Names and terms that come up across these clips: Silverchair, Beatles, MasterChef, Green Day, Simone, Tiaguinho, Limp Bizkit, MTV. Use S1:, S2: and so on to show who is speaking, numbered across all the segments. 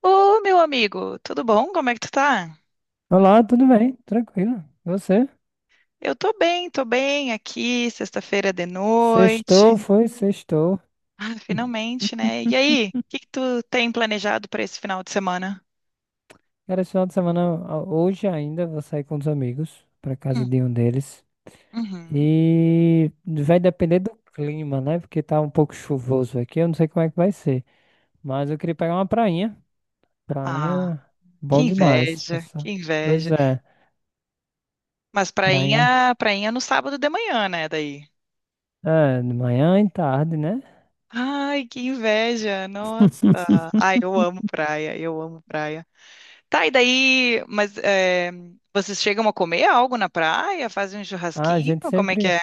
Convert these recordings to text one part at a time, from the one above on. S1: Ô, meu amigo, tudo bom? Como é que tu tá?
S2: Olá, tudo bem? Tranquilo. E você?
S1: Eu tô bem aqui, sexta-feira de
S2: Sextou,
S1: noite.
S2: foi? Sextou.
S1: Ah,
S2: Hum.
S1: finalmente, né? E aí, o que que tu tem planejado para esse final de semana?
S2: Cara, esse final de semana, hoje ainda, vou sair com os amigos, pra casa
S1: Hum,
S2: de um deles.
S1: uhum.
S2: E vai depender do clima, né? Porque tá um pouco chuvoso aqui, eu não sei como é que vai ser. Mas eu queria pegar uma prainha.
S1: Ah,
S2: Prainha,
S1: que
S2: bom demais.
S1: inveja, que
S2: Passar.
S1: inveja.
S2: Pois é,
S1: Mas
S2: prainha.
S1: prainha, prainha no sábado de manhã, né, daí?
S2: É, de manhã e tarde, né?
S1: Ai, que inveja, nossa. Ai, eu amo praia, eu amo praia. Tá, e daí, vocês chegam a comer algo na praia? Fazem um
S2: Ah,
S1: churrasquinho? Como é que é?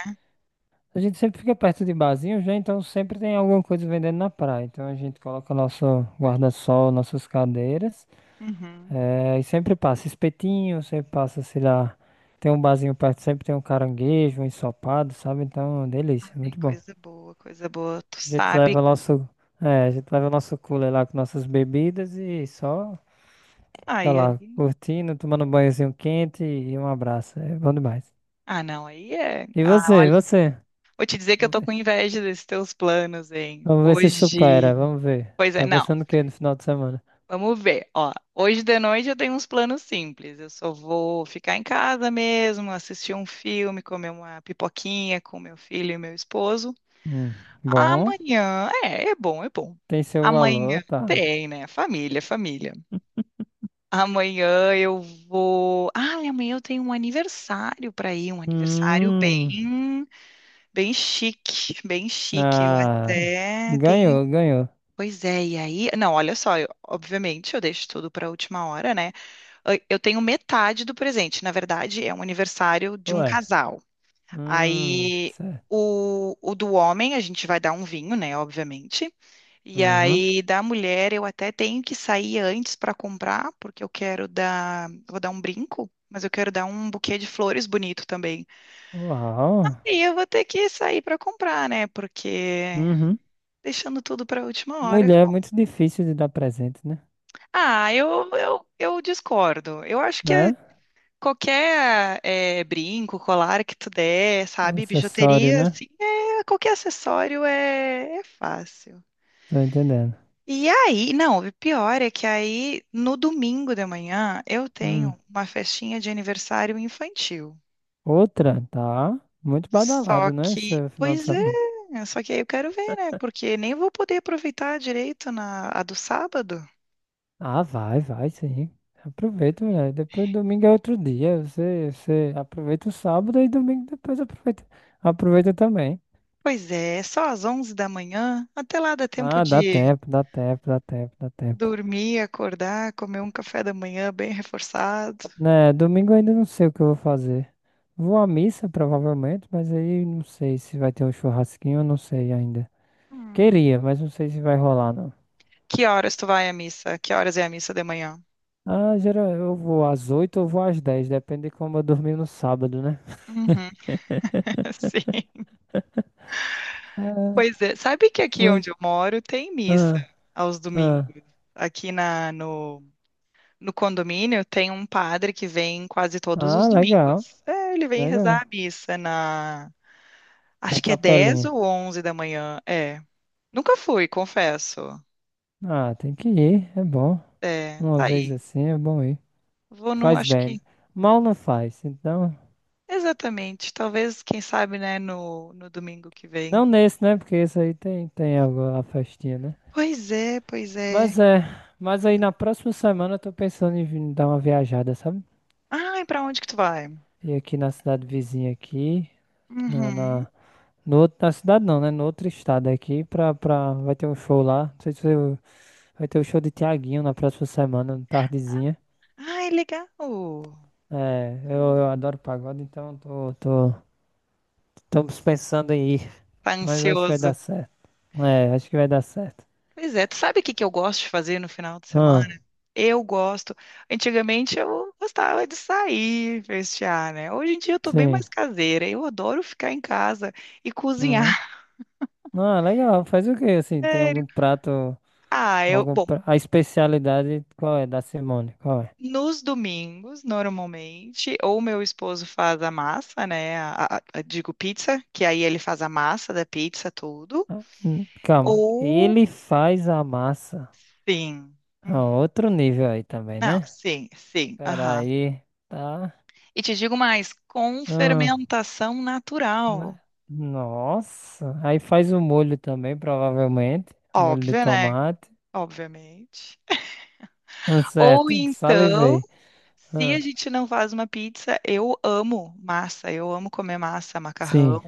S2: A gente sempre fica perto de barzinhos, né? Então sempre tem alguma coisa vendendo na praia. Então a gente coloca nosso guarda-sol, nossas cadeiras.
S1: Uhum.
S2: É e sempre passa espetinho, sempre passa, sei lá. Tem um barzinho perto, sempre tem um caranguejo, um ensopado, sabe? Então, delícia,
S1: Ai,
S2: muito bom.
S1: coisa boa, coisa boa. Tu
S2: A gente
S1: sabe.
S2: leva nosso, a gente leva nosso cooler lá com nossas bebidas e só fica
S1: Ai, aí.
S2: lá curtindo, tomando um banhozinho quente e um abraço. É bom demais.
S1: Ah, não, aí é.
S2: E
S1: Ah,
S2: você,
S1: olha,
S2: você?
S1: vou te dizer que eu
S2: Vamos
S1: tô
S2: ver.
S1: com inveja desses teus planos, hein?
S2: Vamos ver se supera,
S1: Hoje.
S2: vamos ver.
S1: Pois é,
S2: Tá
S1: não.
S2: pensando o quê no final de semana?
S1: Vamos ver. Ó, hoje de noite eu tenho uns planos simples. Eu só vou ficar em casa mesmo, assistir um filme, comer uma pipoquinha com meu filho e meu esposo.
S2: Hum, bom,
S1: Amanhã. É, é bom, é bom.
S2: tem seu
S1: Amanhã
S2: valor, tá.
S1: tem, né? Família, família. Amanhã eu vou. Ah, amanhã eu tenho um aniversário para ir, um aniversário
S2: Hum,
S1: bem, bem chique, bem chique. Eu
S2: ah,
S1: até tenho.
S2: ganhou, ganhou.
S1: Pois é, e aí? Não, olha só, obviamente eu deixo tudo para a última hora, né? Eu tenho metade do presente. Na verdade, é um aniversário de um
S2: Ué,
S1: casal. Aí
S2: certo.
S1: o do homem, a gente vai dar um vinho, né? Obviamente. E
S2: Uhum.
S1: aí, da mulher, eu até tenho que sair antes para comprar, porque eu quero dar, vou dar um brinco, mas eu quero dar um buquê de flores bonito também.
S2: Uau.
S1: E eu vou ter que sair para comprar, né? Porque
S2: Uhum.
S1: deixando tudo para a última hora.
S2: Mulher é muito difícil de dar presente, né?
S1: Ah, eu discordo. Eu acho que
S2: Né?
S1: qualquer brinco, colar que tu der,
S2: É um
S1: sabe?
S2: acessório,
S1: Bijuteria,
S2: né?
S1: assim, é, qualquer acessório é, é fácil.
S2: Tô entendendo.
S1: E aí, não, o pior é que aí no domingo de manhã eu
S2: Hum.
S1: tenho uma festinha de aniversário infantil.
S2: Outra, tá. Muito
S1: Só
S2: badalado, né,
S1: que,
S2: seu final de
S1: pois
S2: semana.
S1: é, só que aí eu quero ver, né? Porque nem vou poder aproveitar direito na a do sábado.
S2: Ah, vai, vai, sim. Aproveita, mulher. Depois domingo é outro dia. Você, você aproveita o sábado e domingo depois aproveita. Aproveita também.
S1: Pois é, só às 11 da manhã. Até lá dá tempo
S2: Ah, dá
S1: de
S2: tempo, dá tempo, dá tempo, dá tempo.
S1: dormir, acordar, comer um café da manhã bem reforçado.
S2: Né, domingo eu ainda não sei o que eu vou fazer. Vou à missa, provavelmente, mas aí não sei se vai ter um churrasquinho, eu não sei ainda.
S1: Hum.
S2: Queria, mas não sei se vai rolar, não.
S1: Que horas tu vai à missa? Que horas é a missa de manhã?
S2: Ah, geral, eu vou às 8 ou vou às 10, depende de como eu dormir no sábado, né?
S1: Uhum, sim.
S2: Ah,
S1: Pois é, sabe que aqui
S2: mas.
S1: onde eu moro tem missa
S2: Ah,
S1: aos domingos.
S2: ah.
S1: Aqui na, no, no condomínio tem um padre que vem quase todos
S2: Ah,
S1: os
S2: legal.
S1: domingos. É, ele vem
S2: Legal.
S1: rezar a missa na,
S2: Na
S1: acho que é 10
S2: capelinha.
S1: ou 11 da manhã. É, nunca fui, confesso.
S2: Ah, tem que ir, é bom.
S1: É,
S2: Uma
S1: tá
S2: vez
S1: aí.
S2: assim é bom ir.
S1: Vou num,
S2: Faz
S1: acho
S2: bem.
S1: que,
S2: Mal não faz, então.
S1: exatamente, talvez, quem sabe, né, no domingo que vem.
S2: Não nesse, né? Porque esse aí tem, tem algo, a festinha, né?
S1: Pois é, pois é.
S2: Mas é. Mas aí na próxima semana eu tô pensando em vir dar uma viajada, sabe?
S1: Ai, pra onde que tu vai?
S2: E aqui na cidade vizinha aqui. Na,
S1: Uhum.
S2: na, no outro, na cidade não, né? No outro estado aqui, vai ter um show lá. Não sei se eu- vai ter o show de Tiaguinho na próxima semana, tardezinha.
S1: Ai, legal.
S2: É, eu adoro pagode, então tô estamos pensando em ir,
S1: Tá
S2: mas acho que vai
S1: ansioso.
S2: dar certo. É, acho que vai dar certo.
S1: Pois é, tu sabe o que que eu gosto de fazer no final de semana?
S2: Ah,
S1: Eu gosto. Antigamente eu gostava de sair, festear, né? Hoje em dia eu tô bem
S2: sim.
S1: mais caseira. Eu adoro ficar em casa e
S2: Uhum.
S1: cozinhar.
S2: Ah, legal. Faz o quê, assim? Tem
S1: Sério.
S2: algum prato,
S1: Ah, eu,
S2: algum
S1: bom,
S2: pra... A especialidade, qual é da Simone? Qual é?
S1: nos domingos, normalmente, ou meu esposo faz a massa, né? Digo pizza, que aí ele faz a massa da pizza, tudo.
S2: Ah, calma.
S1: Ou
S2: Ele faz a massa.
S1: sim. Hum,
S2: Ah, outro nível aí também,
S1: Não,
S2: né?
S1: sim, sim,
S2: Pera
S1: aham.
S2: aí, tá?
S1: E te digo mais, com
S2: Ah,
S1: fermentação natural.
S2: né? Nossa. Aí faz o molho também, provavelmente. Molho de
S1: Óbvio, né?
S2: tomate.
S1: Obviamente.
S2: Ah,
S1: Ou
S2: certo,
S1: então,
S2: salivei.
S1: se a
S2: Ah,
S1: gente não faz uma pizza, eu amo massa, eu amo comer massa, macarrão.
S2: sim.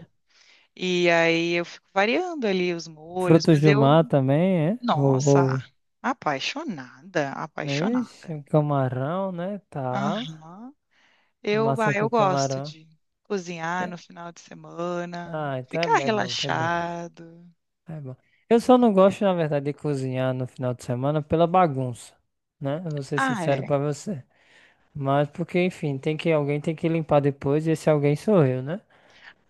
S1: E aí eu fico variando ali os molhos,
S2: Frutos do mar também, é?
S1: nossa,
S2: Ou...
S1: apaixonada,
S2: Ixi,
S1: apaixonada.
S2: um camarão, né? Tá.
S1: Aham.
S2: Massa
S1: Eu
S2: com
S1: gosto
S2: camarão.
S1: de cozinhar
S2: É.
S1: no final de semana,
S2: Ah, então
S1: ficar
S2: é bom, tá bom,
S1: relaxado.
S2: é bom. Eu só não gosto, na verdade, de cozinhar no final de semana pela bagunça, né? Eu vou ser
S1: Ah,
S2: sincero
S1: é.
S2: pra você. Mas porque, enfim, tem que alguém tem que limpar depois e esse alguém sou eu, né?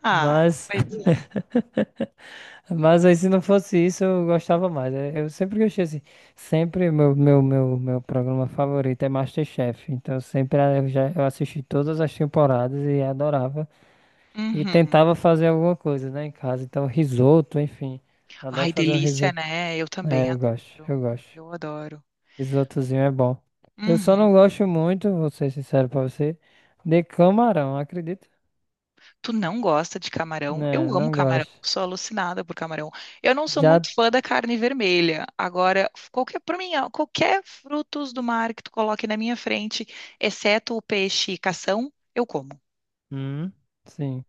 S1: Ah,
S2: Mas
S1: pois é.
S2: mas aí se não fosse isso, eu gostava mais. É, eu sempre gostei assim. Sempre meu programa favorito é MasterChef. Então eu já eu assisti todas as temporadas e adorava. E
S1: Uhum.
S2: tentava fazer alguma coisa, né, em casa. Então risoto, enfim.
S1: Ai,
S2: Adoro fazer um
S1: delícia,
S2: risoto.
S1: né? Eu também
S2: É, eu gosto,
S1: adoro.
S2: eu gosto.
S1: Eu adoro.
S2: Risotozinho é bom. Eu só
S1: Uhum.
S2: não gosto muito, vou ser sincero pra você, de camarão, acredita?
S1: Tu não gosta de camarão? Eu
S2: Né,
S1: amo
S2: não
S1: camarão,
S2: gosto.
S1: sou alucinada por camarão. Eu não sou
S2: Já.
S1: muito fã da carne vermelha. Agora, qualquer, para mim, ó, qualquer frutos do mar que tu coloque na minha frente, exceto o peixe e cação, eu como.
S2: Hum, sim.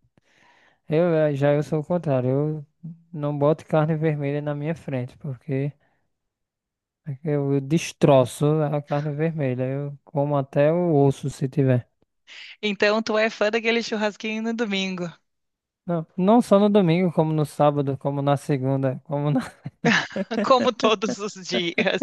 S2: Já eu sou o contrário. Eu não boto carne vermelha na minha frente, porque eu destroço a carne vermelha. Eu como até o osso se tiver.
S1: Então, tu é fã daquele churrasquinho no domingo,
S2: Não, não só no domingo, como no sábado, como na segunda, como na...
S1: como todos os dias.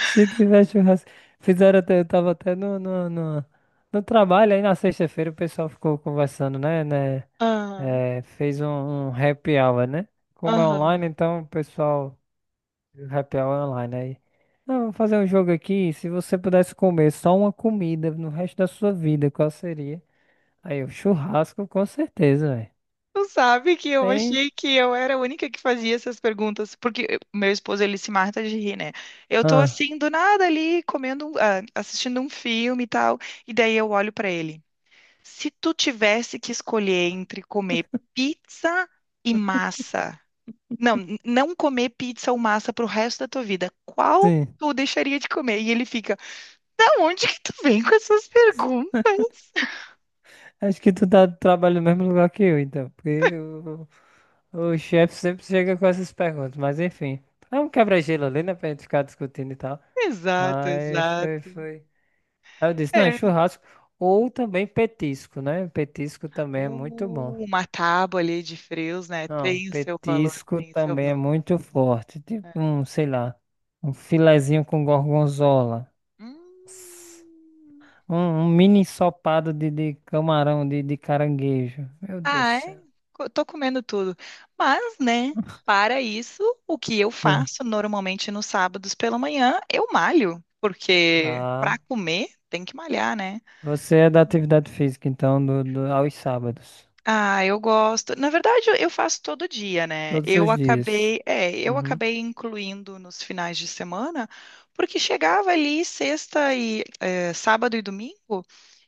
S2: Se tiver churrasco. Fizeram até, eu tava até no trabalho, aí na sexta-feira o pessoal ficou conversando, né?
S1: Ah,
S2: eh, fez um, um happy hour, né? Como é
S1: aham.
S2: online, então o pessoal. Happy Hour Online aí. Não, vamos fazer um jogo aqui. Se você pudesse comer só uma comida no resto da sua vida, qual seria? Aí, o churrasco, com certeza, velho.
S1: Tu sabe que eu
S2: Bem.
S1: achei que eu era a única que fazia essas perguntas, meu esposo, ele se mata de rir, né? Eu tô
S2: Ah,
S1: assim, do nada ali, assistindo um filme e tal, e daí eu olho pra ele. Se tu tivesse que escolher entre comer pizza e massa, não, não comer pizza ou massa pro resto da tua vida, qual
S2: sim.
S1: tu deixaria de comer? E ele fica, da onde que tu vem com essas perguntas?
S2: Acho que tu tá trabalhando no mesmo lugar que eu, então. Porque o chefe sempre chega com essas perguntas. Mas enfim. É um quebra-gelo ali, né, pra gente ficar discutindo e tal.
S1: Exato,
S2: Aí foi,
S1: exato.
S2: foi. Aí eu disse, não, é
S1: É.
S2: churrasco. Ou também petisco, né? Petisco também é muito bom.
S1: Uma tábua ali de frios, né?
S2: Não,
S1: Tem o seu valor,
S2: petisco
S1: tem o seu
S2: também é
S1: valor.
S2: muito forte. Tipo
S1: É.
S2: um, sei lá, um filezinho com gorgonzola. Nossa.
S1: Hum.
S2: Um, um mini ensopado de camarão, de caranguejo. Meu Deus do
S1: Ah, é?
S2: céu.
S1: Tô comendo tudo. Mas, né, para isso, o que eu
S2: Hum.
S1: faço normalmente nos sábados pela manhã, eu malho, porque para
S2: Tá.
S1: comer tem que malhar, né?
S2: Você é da atividade física, então, aos sábados.
S1: Ah, eu gosto. Na verdade, eu faço todo dia, né?
S2: Todos
S1: Eu
S2: os dias.
S1: acabei, é, eu
S2: Uhum.
S1: acabei incluindo nos finais de semana, porque chegava ali sexta e é, sábado e domingo,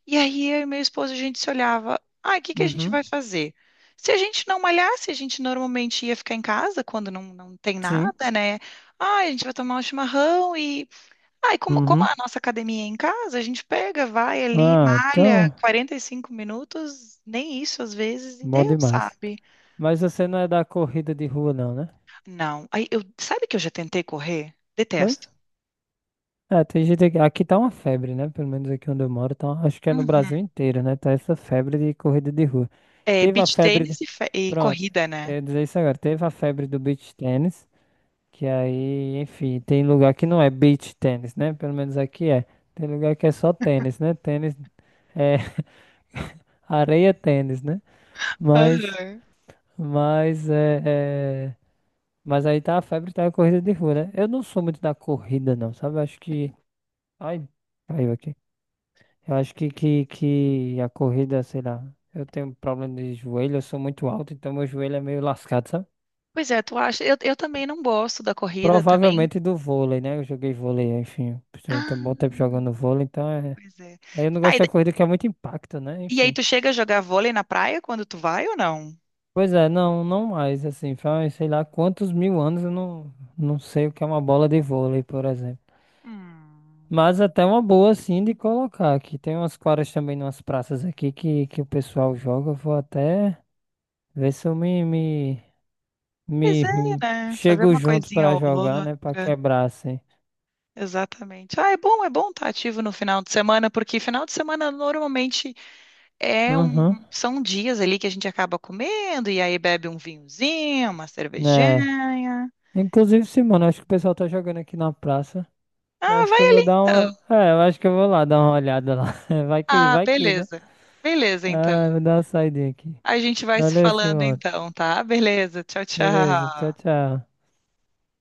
S1: e aí eu e meu esposo a gente se olhava, ah, o que que a gente
S2: Uhum.
S1: vai fazer? Se a gente não malhasse, a gente normalmente ia ficar em casa quando não, não tem
S2: Sim.
S1: nada, né? Ah, a gente vai tomar um chimarrão e ah, e como, como
S2: Uhum.
S1: a nossa academia é em casa, a gente pega, vai ali,
S2: Ah,
S1: malha
S2: então,
S1: 45 minutos, nem isso às vezes, e
S2: bom
S1: Deus
S2: demais.
S1: sabe?
S2: Mas você não é da corrida de rua, não, né?
S1: Não. Aí eu, sabe que eu já tentei correr? Detesto.
S2: É, tem gente aqui, aqui tá uma febre, né? Pelo menos aqui onde eu moro, tá, acho que é no Brasil
S1: Uhum.
S2: inteiro, né? Tá essa febre de corrida de rua.
S1: É
S2: Teve a
S1: beach
S2: febre de...
S1: tênis e, e
S2: Pronto,
S1: corrida,
S2: eu
S1: né?
S2: ia dizer isso agora. Teve a febre do beach tennis, que aí, enfim, tem lugar que não é beach tennis, né? Pelo menos aqui é. Tem lugar que é só tênis, né? Tênis é areia tênis, né? Mas,
S1: Aham.
S2: mas é, é- mas aí tá a febre, tá a corrida de rua, né? Eu não sou muito da corrida, não, sabe? Acho que, ai, caiu aqui. Eu acho que, que a corrida, sei lá, eu tenho problema de joelho, eu sou muito alto, então meu joelho é meio lascado, sabe?
S1: Pois é, tu acha? Eu também não gosto da corrida também.
S2: Provavelmente do vôlei, né? Eu joguei vôlei, enfim, eu
S1: Ah,
S2: tenho um bom tempo jogando vôlei, então é.
S1: pois é.
S2: Aí eu não
S1: Tá,
S2: gosto
S1: e,
S2: da
S1: da-
S2: corrida que é muito impacto, né?
S1: e aí
S2: Enfim.
S1: tu chega a jogar vôlei na praia quando tu vai ou não?
S2: Pois é, não, não mais, assim, faz, sei lá, quantos mil anos eu não, não sei o que é uma bola de vôlei, por exemplo.
S1: Hum.
S2: Mas até uma boa, assim, de colocar aqui. Tem umas quadras também, umas praças aqui que o pessoal joga, eu vou até ver se eu me... me-
S1: Pois
S2: Me
S1: é,
S2: me-
S1: né? Fazer
S2: chego
S1: uma
S2: junto
S1: coisinha
S2: pra
S1: ou
S2: jogar,
S1: outra.
S2: né? Pra quebrar, assim.
S1: Exatamente. Ah, é bom estar ativo no final de semana, porque final de semana normalmente é um,
S2: Uhum,
S1: são dias ali que a gente acaba comendo e aí bebe um vinhozinho, uma
S2: né?
S1: cervejinha.
S2: Inclusive, sim, acho que o pessoal tá jogando aqui na praça. Eu
S1: Ah,
S2: acho
S1: vai
S2: que eu vou
S1: ali
S2: dar
S1: então.
S2: uma. É, eu acho que eu vou lá dar uma olhada lá.
S1: Ah,
S2: Vai que, né?
S1: beleza. Beleza, então.
S2: Ah, vou dar uma saidinha aqui.
S1: A gente vai se
S2: Valeu,
S1: falando
S2: Simone.
S1: então, tá? Beleza. Tchau,
S2: Beleza, tchau,
S1: tchau.
S2: tchau.